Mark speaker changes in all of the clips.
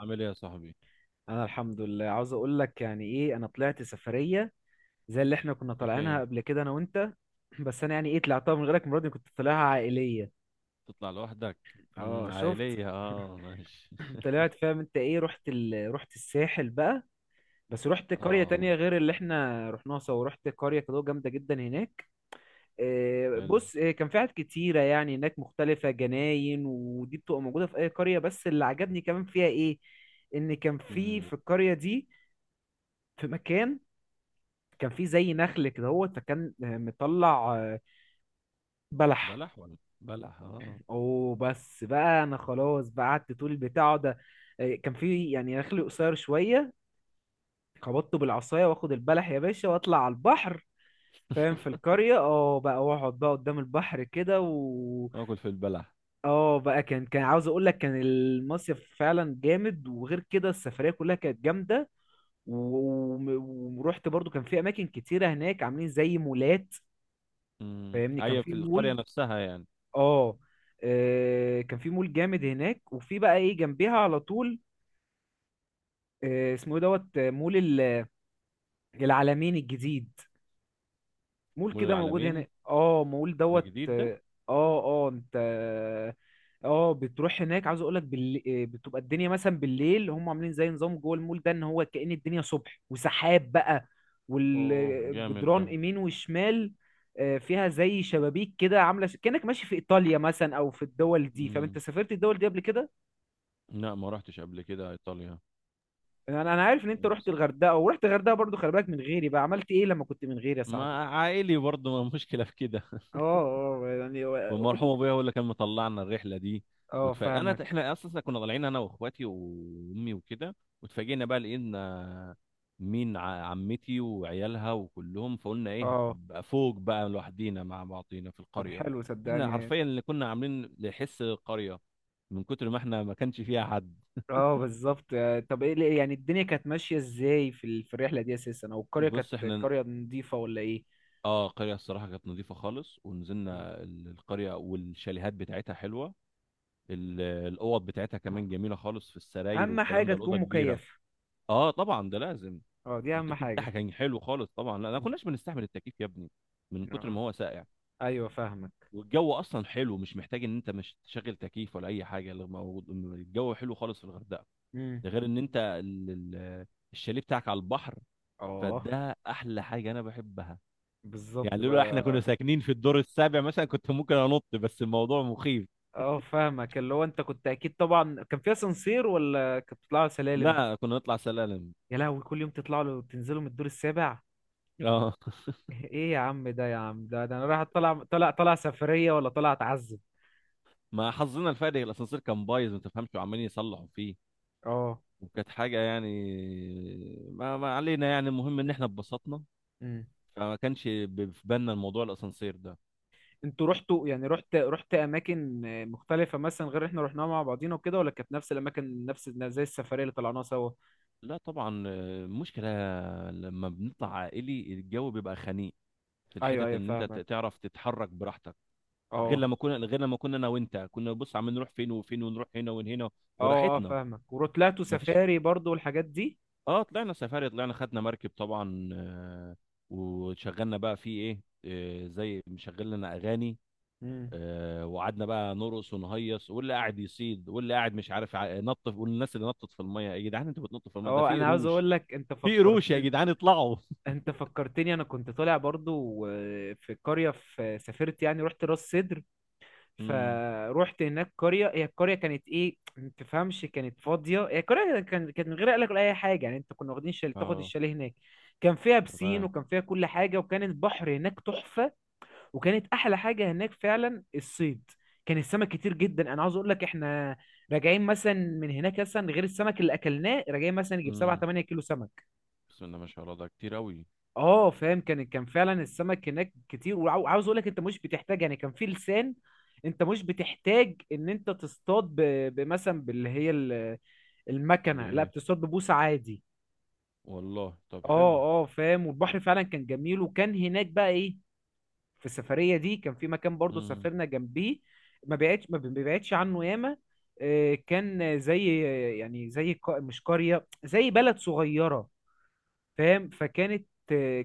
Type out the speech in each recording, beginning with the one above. Speaker 1: عامل ايه يا صاحبي؟
Speaker 2: انا الحمد لله، عاوز اقول لك يعني ايه انا طلعت سفريه زي اللي احنا كنا
Speaker 1: انت
Speaker 2: طالعينها
Speaker 1: فين؟
Speaker 2: قبل كده انا وانت. بس انا يعني ايه طلعتها من غيرك المره دي، كنت طالعها عائليه.
Speaker 1: تطلع لوحدك؟
Speaker 2: اه شفت؟
Speaker 1: عائلية، اه، ماشي.
Speaker 2: طلعت فاهم انت ايه؟ رحت الساحل بقى، بس رحت قريه
Speaker 1: اه،
Speaker 2: تانية غير اللي احنا رحناها سوا. رحت قريه كده جامده جدا هناك. إيه
Speaker 1: حلو.
Speaker 2: بص إيه، كان في حاجات كتيره يعني هناك مختلفه، جناين ودي بتبقى موجوده في اي قريه، بس اللي عجبني كمان فيها ايه؟ ان كان في
Speaker 1: امم.
Speaker 2: في القريه دي، في مكان كان في زي نخل كده هو، فكان مطلع بلح.
Speaker 1: بلح ولا بلح، اه.
Speaker 2: وبس بقى انا خلاص بقى، قعدت طول بتاعه ده. كان في يعني نخل قصير شويه، خبطته بالعصايه واخد البلح يا باشا واطلع على البحر. فاهم؟ في القريه اه بقى، واقعد بقى قدام البحر كده و
Speaker 1: اكل في البلح؟
Speaker 2: اه بقى، كان عاوز اقول لك كان المصيف فعلا جامد، وغير كده السفريه كلها كانت جامده. و- وم- ورحت برضو كان في اماكن كتيره هناك عاملين زي مولات.
Speaker 1: امم،
Speaker 2: فاهمني كان
Speaker 1: ايوه، في
Speaker 2: في
Speaker 1: القرية
Speaker 2: مول.
Speaker 1: نفسها يعني.
Speaker 2: اه كان في مول جامد هناك، وفي بقى ايه جنبيها على طول. اسمه ايه دوت آه، مول العلمين الجديد. مول
Speaker 1: مول
Speaker 2: كده موجود
Speaker 1: العالمين،
Speaker 2: هنا، اه مول
Speaker 1: ده جديد ده؟
Speaker 2: اه. انت اه بتروح هناك، عاوز اقول لك بال... آه، بتبقى الدنيا مثلا بالليل، هم عاملين زي نظام جوه المول ده ان هو كأن الدنيا صبح وسحاب بقى،
Speaker 1: اوه، جامد ده.
Speaker 2: والجدران يمين وشمال فيها زي شبابيك كده عامله كأنك ماشي في ايطاليا مثلا او في الدول دي. فاهم؟ انت
Speaker 1: امم.
Speaker 2: سافرت الدول دي قبل كده؟
Speaker 1: لا، ما رحتش قبل كده ايطاليا.
Speaker 2: انا عارف ان انت
Speaker 1: يعني
Speaker 2: رحت
Speaker 1: بس.
Speaker 2: الغردقه، ورحت الغردقه برضو. خلي بالك من غيري بقى عملت ايه لما كنت من غيري يا صاحبي؟
Speaker 1: ما عائلي برضه، ما مشكلة في كده.
Speaker 2: اه، اه يعني قول
Speaker 1: والمرحوم
Speaker 2: لي.
Speaker 1: ابويا هو اللي كان مطلعنا الرحله دي.
Speaker 2: اه
Speaker 1: وتف... انا
Speaker 2: فاهمك.
Speaker 1: احنا اصلا كنا طالعين انا واخواتي وامي وكده. واتفاجئنا بقى، لقينا مين، عمتي وعيالها وكلهم، فقلنا ايه
Speaker 2: اه
Speaker 1: بقى، فوق بقى لوحدينا مع بعضينا في
Speaker 2: طب
Speaker 1: القريه.
Speaker 2: حلو
Speaker 1: احنا
Speaker 2: صدقني.
Speaker 1: حرفيا اللي كنا عاملين لحس القريه، من كتر ما احنا ما كانش فيها حد.
Speaker 2: اه بالظبط. طب ايه يعني الدنيا كانت ماشيه ازاي في الرحله دي اساسا؟ او القريه كانت
Speaker 1: بص احنا،
Speaker 2: قريه نظيفه ولا ايه؟
Speaker 1: اه، القريه الصراحه كانت نظيفه خالص،
Speaker 2: مم.
Speaker 1: ونزلنا القريه والشاليهات بتاعتها حلوه. الاوض بتاعتها كمان جميله خالص، في السراير
Speaker 2: اهم
Speaker 1: والكلام
Speaker 2: حاجه
Speaker 1: ده الاوضه
Speaker 2: تكون
Speaker 1: كبيره.
Speaker 2: مكيف.
Speaker 1: اه، طبعا ده لازم.
Speaker 2: اه دي اهم
Speaker 1: والتكييف
Speaker 2: حاجه.
Speaker 1: بتاعها كان حلو خالص طبعا، لا، ما
Speaker 2: مم.
Speaker 1: كناش بنستحمل التكييف يا ابني، من كتر
Speaker 2: آه.
Speaker 1: ما هو ساقع.
Speaker 2: ايوه فاهمك.
Speaker 1: والجو اصلا حلو، مش محتاج ان انت مش تشغل تكييف ولا اي حاجه، اللي موجود الجو حلو خالص في الغردقه.
Speaker 2: امم.
Speaker 1: ده غير ان انت الشاليه بتاعك على البحر،
Speaker 2: اه
Speaker 1: فده احلى حاجه انا بحبها. يعني
Speaker 2: بالظبط
Speaker 1: لولا احنا
Speaker 2: بقى.
Speaker 1: كنا ساكنين في الدور السابع مثلا كنت ممكن انط، بس الموضوع مخيف.
Speaker 2: اه فاهمك، اللي هو انت كنت اكيد طبعا كان فيها سانسير، ولا كنت بتطلع سلالم؟
Speaker 1: لا، كنا نطلع سلالم.
Speaker 2: يا لهوي، كل يوم تطلعوا له تنزلوا من الدور السابع؟
Speaker 1: اه.
Speaker 2: ايه يا عم ده، يا عم ده، ده انا رايح طالع طالع طالع سفرية ولا طالع اتعذب؟
Speaker 1: ما حظنا الفادح، الاسانسير كان بايظ ما تفهمش، وعمالين يصلحوا فيه.
Speaker 2: اه.
Speaker 1: وكانت حاجة يعني. ما علينا، يعني المهم ان احنا اتبسطنا.
Speaker 2: امم.
Speaker 1: فما كانش في بالنا الموضوع الاسانسير ده.
Speaker 2: انتوا رحتوا يعني رحت اماكن مختلفة مثلا غير اللي احنا رحناها مع بعضينا وكده، ولا كانت نفس الاماكن نفس زي السفرية اللي طلعناها سوا؟
Speaker 1: لا طبعا، المشكلة لما بنطلع عائلي الجو بيبقى خنيق، في
Speaker 2: ايوه
Speaker 1: الحتت
Speaker 2: ايوه
Speaker 1: ان انت
Speaker 2: فاهمك.
Speaker 1: تعرف تتحرك براحتك. غير
Speaker 2: اه
Speaker 1: لما كنا غير لما كنا انا وانت، كنا بص عم نروح فين وفين، ونروح هنا وهنا
Speaker 2: اه. اه
Speaker 1: براحتنا.
Speaker 2: فاهمك. وطلعتوا
Speaker 1: ما فيش.
Speaker 2: سفاري برضو والحاجات دي؟
Speaker 1: اه، طلعنا سفاري، طلعنا خدنا مركب طبعا. وشغلنا بقى فيه ايه، زي مشغل لنا اغاني.
Speaker 2: امم.
Speaker 1: وقعدنا بقى نرقص ونهيص، واللي قاعد يصيد، واللي قاعد مش عارف، نط والناس اللي نطت في الميه. يا جدعان، انتوا بتنطوا في الميه ده
Speaker 2: اه
Speaker 1: في
Speaker 2: انا عاوز
Speaker 1: قروش!
Speaker 2: اقول لك انت
Speaker 1: في قروش يا
Speaker 2: فكرتني،
Speaker 1: جدعان، اطلعوا!
Speaker 2: انت فكرتني انا كنت طالع برضو في قرية، في سافرت يعني، رحت راس سدر.
Speaker 1: امم،
Speaker 2: فروحت هناك قرية، هي القرية كانت ايه ما تفهمش، كانت فاضية هي القرية. كانت من غير قلق ولا اي حاجة يعني. انت كنا واخدين تاخد
Speaker 1: اه،
Speaker 2: الشاليه هناك. كان فيها بسين
Speaker 1: تمام.
Speaker 2: وكان فيها كل حاجة، وكان البحر هناك تحفة. وكانت احلى حاجة هناك فعلا الصيد. كان السمك كتير جدا. انا عاوز اقول لك احنا راجعين مثلا من هناك مثلا غير السمك اللي اكلناه، راجعين مثلا يجيب 7
Speaker 1: امم
Speaker 2: 8 كيلو سمك.
Speaker 1: بسم الله ما شاء الله، ده كتير قوي.
Speaker 2: اه فاهم؟ كان فعلا السمك هناك كتير. وعاوز اقول لك انت مش بتحتاج، يعني كان في لسان، انت مش بتحتاج ان انت تصطاد بمثلا المكنه، لا
Speaker 1: بايه؟
Speaker 2: بتصطاد ببوصه عادي.
Speaker 1: والله، طب حلو.
Speaker 2: اه. اه فاهم. والبحر فعلا كان جميل. وكان هناك بقى ايه في السفريه دي، كان في مكان برضو
Speaker 1: امم،
Speaker 2: سافرنا جنبيه، ما بيبعدش عنه ياما. كان زي يعني مش قريه، زي بلد صغيره. فاهم؟ فكانت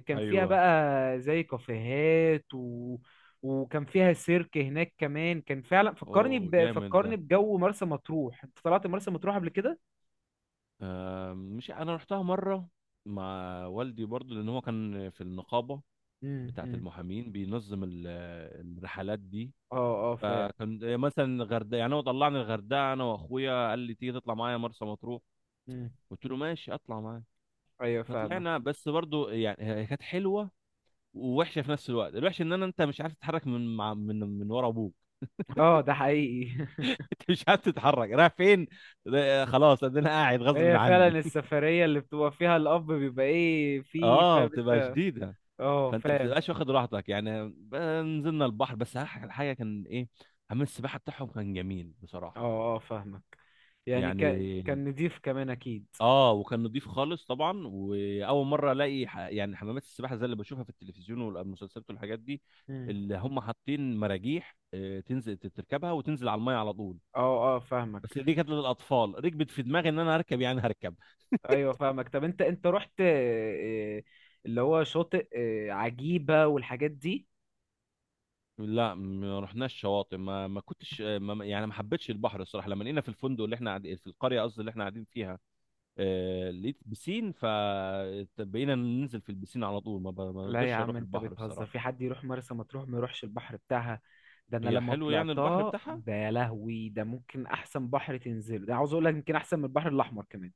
Speaker 2: كان فيها
Speaker 1: ايوه.
Speaker 2: بقى زي كافيهات وكان فيها سيرك هناك كمان. كان فعلا
Speaker 1: اوه،
Speaker 2: فكرني
Speaker 1: جامد ده.
Speaker 2: فكرني بجو مرسى مطروح. انت طلعت مرسى مطروح قبل كده؟
Speaker 1: آه، مش انا رحتها مره مع والدي برضو، لان هو كان في النقابه بتاعه
Speaker 2: امم.
Speaker 1: المحامين، بينظم الرحلات دي.
Speaker 2: اه اه فاهم.
Speaker 1: فكان مثلا الغردقه يعني، هو طلعني الغردقه انا واخويا، قال لي تيجي تطلع معايا مرسى مطروح.
Speaker 2: مم.
Speaker 1: قلت له ماشي، اطلع معايا.
Speaker 2: ايوه فاهمك.
Speaker 1: فطلعنا، بس برضو يعني هي كانت حلوه ووحشه في نفس الوقت. الوحش ان انا انت مش عارف تتحرك، من مع من ورا ابوك.
Speaker 2: اه ده حقيقي
Speaker 1: انت مش عارف تتحرك رايح فين. خلاص، انا قاعد غصب
Speaker 2: هي فعلا
Speaker 1: عني.
Speaker 2: السفرية اللي بتبقى فيها الاب بيبقى ايه فيه،
Speaker 1: اه،
Speaker 2: فاهم
Speaker 1: بتبقى
Speaker 2: انت.
Speaker 1: شديده.
Speaker 2: اه
Speaker 1: فانت
Speaker 2: فاهم.
Speaker 1: بتبقاش واخد راحتك يعني نزلنا البحر، بس الحاجه كان ايه، حمام السباحه بتاعهم كان جميل بصراحه.
Speaker 2: اه اه فاهمك.
Speaker 1: يعني،
Speaker 2: كان نضيف كمان اكيد.
Speaker 1: اه، وكان نضيف خالص طبعا، واول مره الاقي يعني حمامات السباحه زي اللي بشوفها في التلفزيون والمسلسلات والحاجات دي،
Speaker 2: امم.
Speaker 1: اللي هم حاطين مراجيح، تنزل تركبها وتنزل على الميه على طول.
Speaker 2: اه اه فاهمك.
Speaker 1: بس دي كانت للاطفال، ركبت في دماغي ان انا هركب، يعني هركب.
Speaker 2: ايوه فاهمك. طب انت رحت اللي هو شاطئ عجيبة والحاجات دي؟
Speaker 1: لا، ما رحناش شواطئ، ما كنتش ما يعني ما حبيتش البحر الصراحه، لما لقينا في الفندق اللي احنا قاعدين في القريه، قصدي اللي احنا قاعدين فيها. لقيت بسين، فبقينا ننزل في البسين على طول، ما ما
Speaker 2: لا يا
Speaker 1: رضيتش
Speaker 2: عم،
Speaker 1: اروح
Speaker 2: انت
Speaker 1: البحر
Speaker 2: بتهزر؟
Speaker 1: الصراحه.
Speaker 2: في حد يروح مرسى مطروح ما يروحش البحر بتاعها؟ ده انا
Speaker 1: هي
Speaker 2: لما
Speaker 1: حلو يعني البحر
Speaker 2: طلعتها،
Speaker 1: بتاعها،
Speaker 2: ده يا لهوي، ده ممكن احسن بحر تنزله. ده عاوز اقول لك يمكن احسن من البحر الاحمر كمان،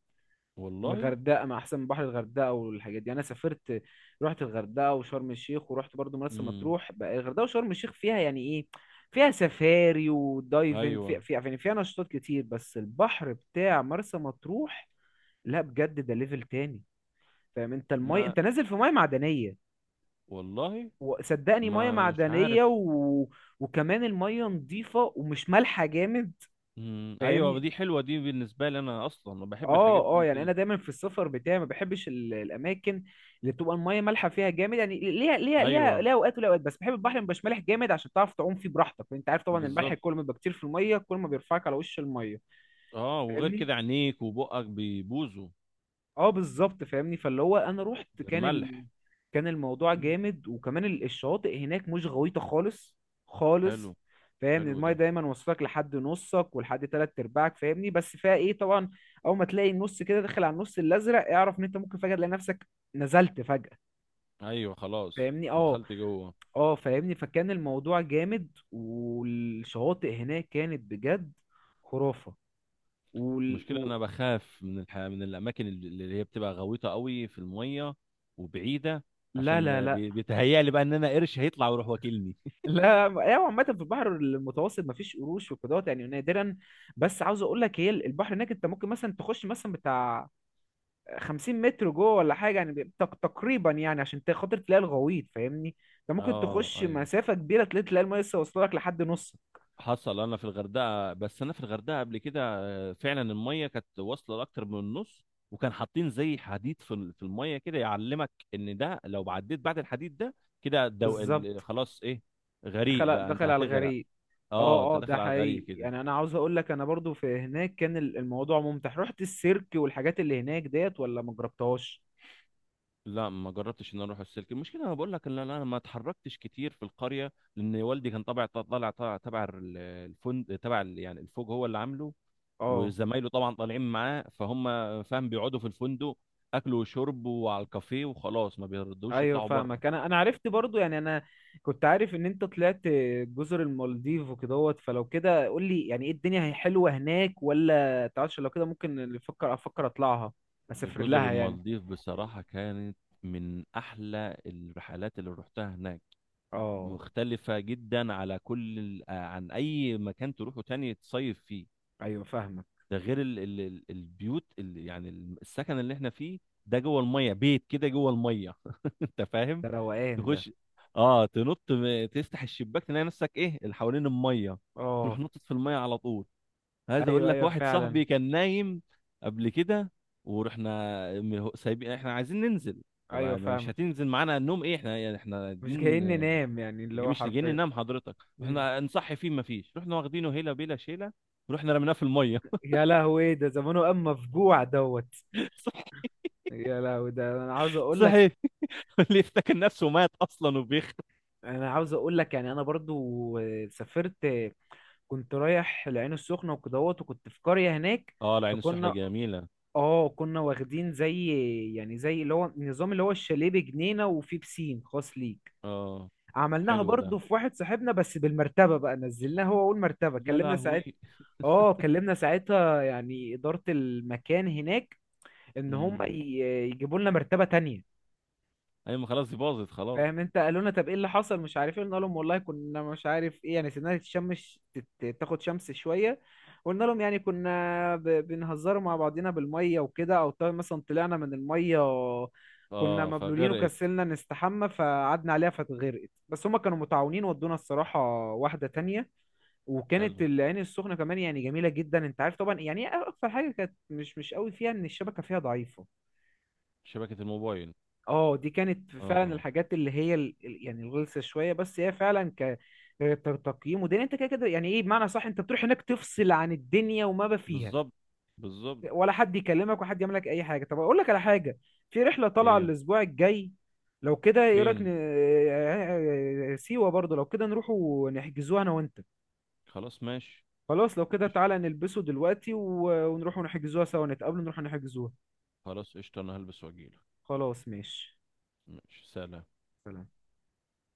Speaker 2: من
Speaker 1: والله.
Speaker 2: الغردقه، ما احسن من بحر الغردقه والحاجات دي. انا سافرت، رحت الغردقه وشرم الشيخ، ورحت برضو مرسى
Speaker 1: امم،
Speaker 2: مطروح بقى. الغردقه وشرم الشيخ فيها يعني ايه فيها سفاري ودايفنج، في
Speaker 1: ايوه.
Speaker 2: في يعني فيها نشاطات كتير. بس البحر بتاع مرسى مطروح، لا بجد، ده ليفل تاني. فاهم انت؟ المي
Speaker 1: ما،
Speaker 2: انت نازل في ميه معدنيه.
Speaker 1: والله
Speaker 2: وصدقني، ميه
Speaker 1: ما مش
Speaker 2: معدنيه
Speaker 1: عارف.
Speaker 2: وكمان الميه نظيفه، ومش مالحه جامد.
Speaker 1: امم، ايوه،
Speaker 2: فاهمني.
Speaker 1: دي حلوه، دي بالنسبه لي انا اصلا أنا بحب الحاجات
Speaker 2: اه اه
Speaker 1: دي
Speaker 2: يعني انا
Speaker 1: كده.
Speaker 2: دايما في السفر بتاعي ما بحبش الاماكن اللي بتبقى الميه مالحه فيها جامد، يعني ليها ليها
Speaker 1: ايوه،
Speaker 2: ليها ليها اوقات وليها اوقات. بس بحب البحر اللي مبقاش مالح جامد عشان تعرف تعوم فيه براحتك. انت عارف طبعا، الملح
Speaker 1: بالظبط.
Speaker 2: كل ما بيبقى كتير في الميه، كل ما بيرفعك على وش الميه.
Speaker 1: اه، وغير
Speaker 2: فاهمني.
Speaker 1: كده عينيك وبقك بيبوظوا
Speaker 2: اه بالظبط فاهمني، فاللي هو انا رحت
Speaker 1: من
Speaker 2: كان
Speaker 1: الملح.
Speaker 2: كان الموضوع
Speaker 1: مم.
Speaker 2: جامد. وكمان الشواطئ هناك مش غويطة خالص
Speaker 1: حلو.
Speaker 2: خالص. فاهم؟
Speaker 1: حلو
Speaker 2: المايه
Speaker 1: ده.
Speaker 2: دايما واصلك لحد نصك ولحد تلات ارباعك. فاهمني؟ بس فيها ايه طبعا، اول ما تلاقي النص كده داخل على النص الازرق، اعرف ان انت ممكن فجأة تلاقي نفسك نزلت فجأة.
Speaker 1: ايوه، خلاص
Speaker 2: فاهمني. اه
Speaker 1: دخلت جوه.
Speaker 2: اه فاهمني. فكان الموضوع جامد، والشواطئ هناك كانت بجد خرافة. وال...
Speaker 1: المشكله
Speaker 2: و...
Speaker 1: انا بخاف من من الاماكن اللي هي بتبقى غويطه قوي في الميه وبعيده،
Speaker 2: لا لا
Speaker 1: عشان
Speaker 2: لا
Speaker 1: بيتهيألي بقى ان انا قرش هيطلع ويروح واكلني.
Speaker 2: لا ايوه عامة في البحر المتوسط مفيش قروش وكده يعني، نادرا. بس عاوز اقول لك، هي البحر هناك انت ممكن مثلا تخش مثلا بتاع 50 متر جوه ولا حاجة يعني، تقريبا يعني، عشان خاطر تلاقي الغويط. فاهمني. انت ممكن
Speaker 1: اه،
Speaker 2: تخش
Speaker 1: ايوه.
Speaker 2: مسافة كبيرة، تلاقي المية لسه واصلة لك لحد نص.
Speaker 1: حصل انا في الغردقه، بس انا في الغردقه قبل كده، فعلا الميه كانت واصله لاكتر من النص، وكان حاطين زي حديد في في الميه كده، يعلمك ان ده لو عديت بعد الحديد ده كده
Speaker 2: بالظبط.
Speaker 1: خلاص، ايه، غريق
Speaker 2: دخل
Speaker 1: بقى، انت
Speaker 2: دخل على
Speaker 1: هتغرق.
Speaker 2: الغريق.
Speaker 1: اه، انت
Speaker 2: اه اه ده
Speaker 1: داخل على الغريق
Speaker 2: حقيقي.
Speaker 1: كده.
Speaker 2: يعني انا عاوز اقول لك انا برضو في هناك، كان الموضوع ممتع. رحت السيرك والحاجات اللي هناك ديت، ولا ما جربتهاش.
Speaker 1: لا، ما جربتش ان أنا اروح السلك. المشكله انا بقول لك ان انا ما اتحركتش كتير في القريه، لان والدي كان طبع طالع طالع تبع الفندق، تبع يعني الفوج هو اللي عامله،
Speaker 2: اه
Speaker 1: وزمايله طبعا طالعين معاه، فهم، فاهم، بيقعدوا في الفندق، اكل وشرب وعلى الكافيه، وخلاص ما بيردوش
Speaker 2: ايوه
Speaker 1: يطلعوا بره.
Speaker 2: فاهمك. انا عرفت برضو، يعني انا كنت عارف ان انت طلعت جزر المالديف وكدهوت. فلو كده قول لي يعني ايه، الدنيا هي حلوه هناك ولا تعرفش؟ لو كده ممكن افكر اطلعها، اسافر
Speaker 1: جزر
Speaker 2: لها يعني.
Speaker 1: المالديف بصراحة كانت من احلى الرحلات اللي رحتها هناك،
Speaker 2: اه
Speaker 1: مختلفة جدا على كل عن اي مكان تروحه تاني تصيف فيه.
Speaker 2: ايوه فاهمك.
Speaker 1: ده غير البيوت، يعني السكن اللي احنا فيه، ده جوه المية، بيت كده جوه المية. انت فاهم؟
Speaker 2: ده روقان ده.
Speaker 1: تخش، اه، تنط تفتح الشباك تلاقي نفسك ايه اللي حوالين الميه، تروح
Speaker 2: اه
Speaker 1: نطت في الميه على طول. عايز اقول
Speaker 2: ايوه
Speaker 1: لك،
Speaker 2: ايوه
Speaker 1: واحد
Speaker 2: فعلا.
Speaker 1: صاحبي كان نايم قبل كده، ورحنا سايبين، احنا عايزين ننزل. طب
Speaker 2: ايوه
Speaker 1: ما مش
Speaker 2: فاهمك.
Speaker 1: هتنزل معانا؟ النوم ايه، احنا يعني احنا
Speaker 2: مش
Speaker 1: دين،
Speaker 2: جايين ننام يعني، اللي هو
Speaker 1: مش نجي
Speaker 2: حرفيا.
Speaker 1: ننام حضرتك؟
Speaker 2: مم.
Speaker 1: رحنا نصحي فيه، ما فيش، رحنا واخدينه هيله بيلا شيله، ورحنا رميناه في الميه.
Speaker 2: يا لهوي، ده زمانه قام مفجوع
Speaker 1: صح.
Speaker 2: يا لهوي، ده انا عاوز اقول
Speaker 1: صحي.
Speaker 2: لك،
Speaker 1: اللي افتكر نفسه مات اصلا وبيخ.
Speaker 2: انا عاوز اقول لك، يعني انا برضو سافرت. كنت رايح العين السخنة وكدهوت، وكنت في قرية هناك.
Speaker 1: اه، العين السحله
Speaker 2: فكنا،
Speaker 1: جميله.
Speaker 2: اه كنا واخدين زي، يعني زي اللي هو النظام، اللي هو الشاليه بجنينة وفيه بسين خاص ليك.
Speaker 1: اه،
Speaker 2: عملناها
Speaker 1: حلو ده.
Speaker 2: برضو في واحد صاحبنا، بس بالمرتبة بقى نزلناها. هو أول مرتبة
Speaker 1: يا
Speaker 2: كلمنا ساعتها.
Speaker 1: لهوي!
Speaker 2: اه كلمنا ساعتها يعني إدارة المكان هناك، إن هم
Speaker 1: امم،
Speaker 2: ي- يجيبوا لنا مرتبة تانية.
Speaker 1: ايوه، ما خلاص دي باظت خلاص.
Speaker 2: فاهم انت؟ قالوا لنا طب ايه اللي حصل؟ مش عارف ايه. قلنا لهم والله كنا مش عارف ايه، يعني سيبناها تتشمس، تاخد شمس شويه. قلنا لهم يعني كنا بنهزروا مع بعضينا بالميه وكده، او طيب مثلا طلعنا من الميه، كنا
Speaker 1: اه،
Speaker 2: مبلولين
Speaker 1: فغرقت.
Speaker 2: وكسلنا نستحمى فقعدنا عليها فاتغرقت. بس هما كانوا متعاونين، ودونا الصراحه واحده تانية. وكانت
Speaker 1: حلو.
Speaker 2: العين السخنه كمان يعني جميله جدا. انت عارف طبعا يعني ايه، اكتر حاجه كانت مش مش قوي فيها، ان الشبكه فيها ضعيفه.
Speaker 1: شبكة الموبايل؟
Speaker 2: اه دي كانت فعلا
Speaker 1: اه،
Speaker 2: الحاجات اللي هي يعني الغلسه شويه. بس هي فعلا تقييم ودين انت كده كده، يعني ايه بمعنى صح، انت بتروح هناك تفصل عن الدنيا، وما بقى فيها
Speaker 1: بالظبط، بالظبط.
Speaker 2: ولا حد يكلمك ولا حد يعمل لك اي حاجه. طب اقول لك على حاجه، في رحله طالعه
Speaker 1: ايه؟
Speaker 2: الاسبوع الجاي. لو كده ايه رايك
Speaker 1: فين؟
Speaker 2: سيوه برضه؟ لو كده نروحوا نحجزوها انا وانت.
Speaker 1: خلاص، ماشي.
Speaker 2: خلاص لو كده
Speaker 1: قشطة.
Speaker 2: تعالى نلبسه دلوقتي ونروحوا نحجزوها سوا، نتقابلوا نروحوا نحجزوها.
Speaker 1: خلاص، قشطة، انا هلبس واجيلك.
Speaker 2: خلاص ماشي.
Speaker 1: ماشي، سلام.
Speaker 2: سلام.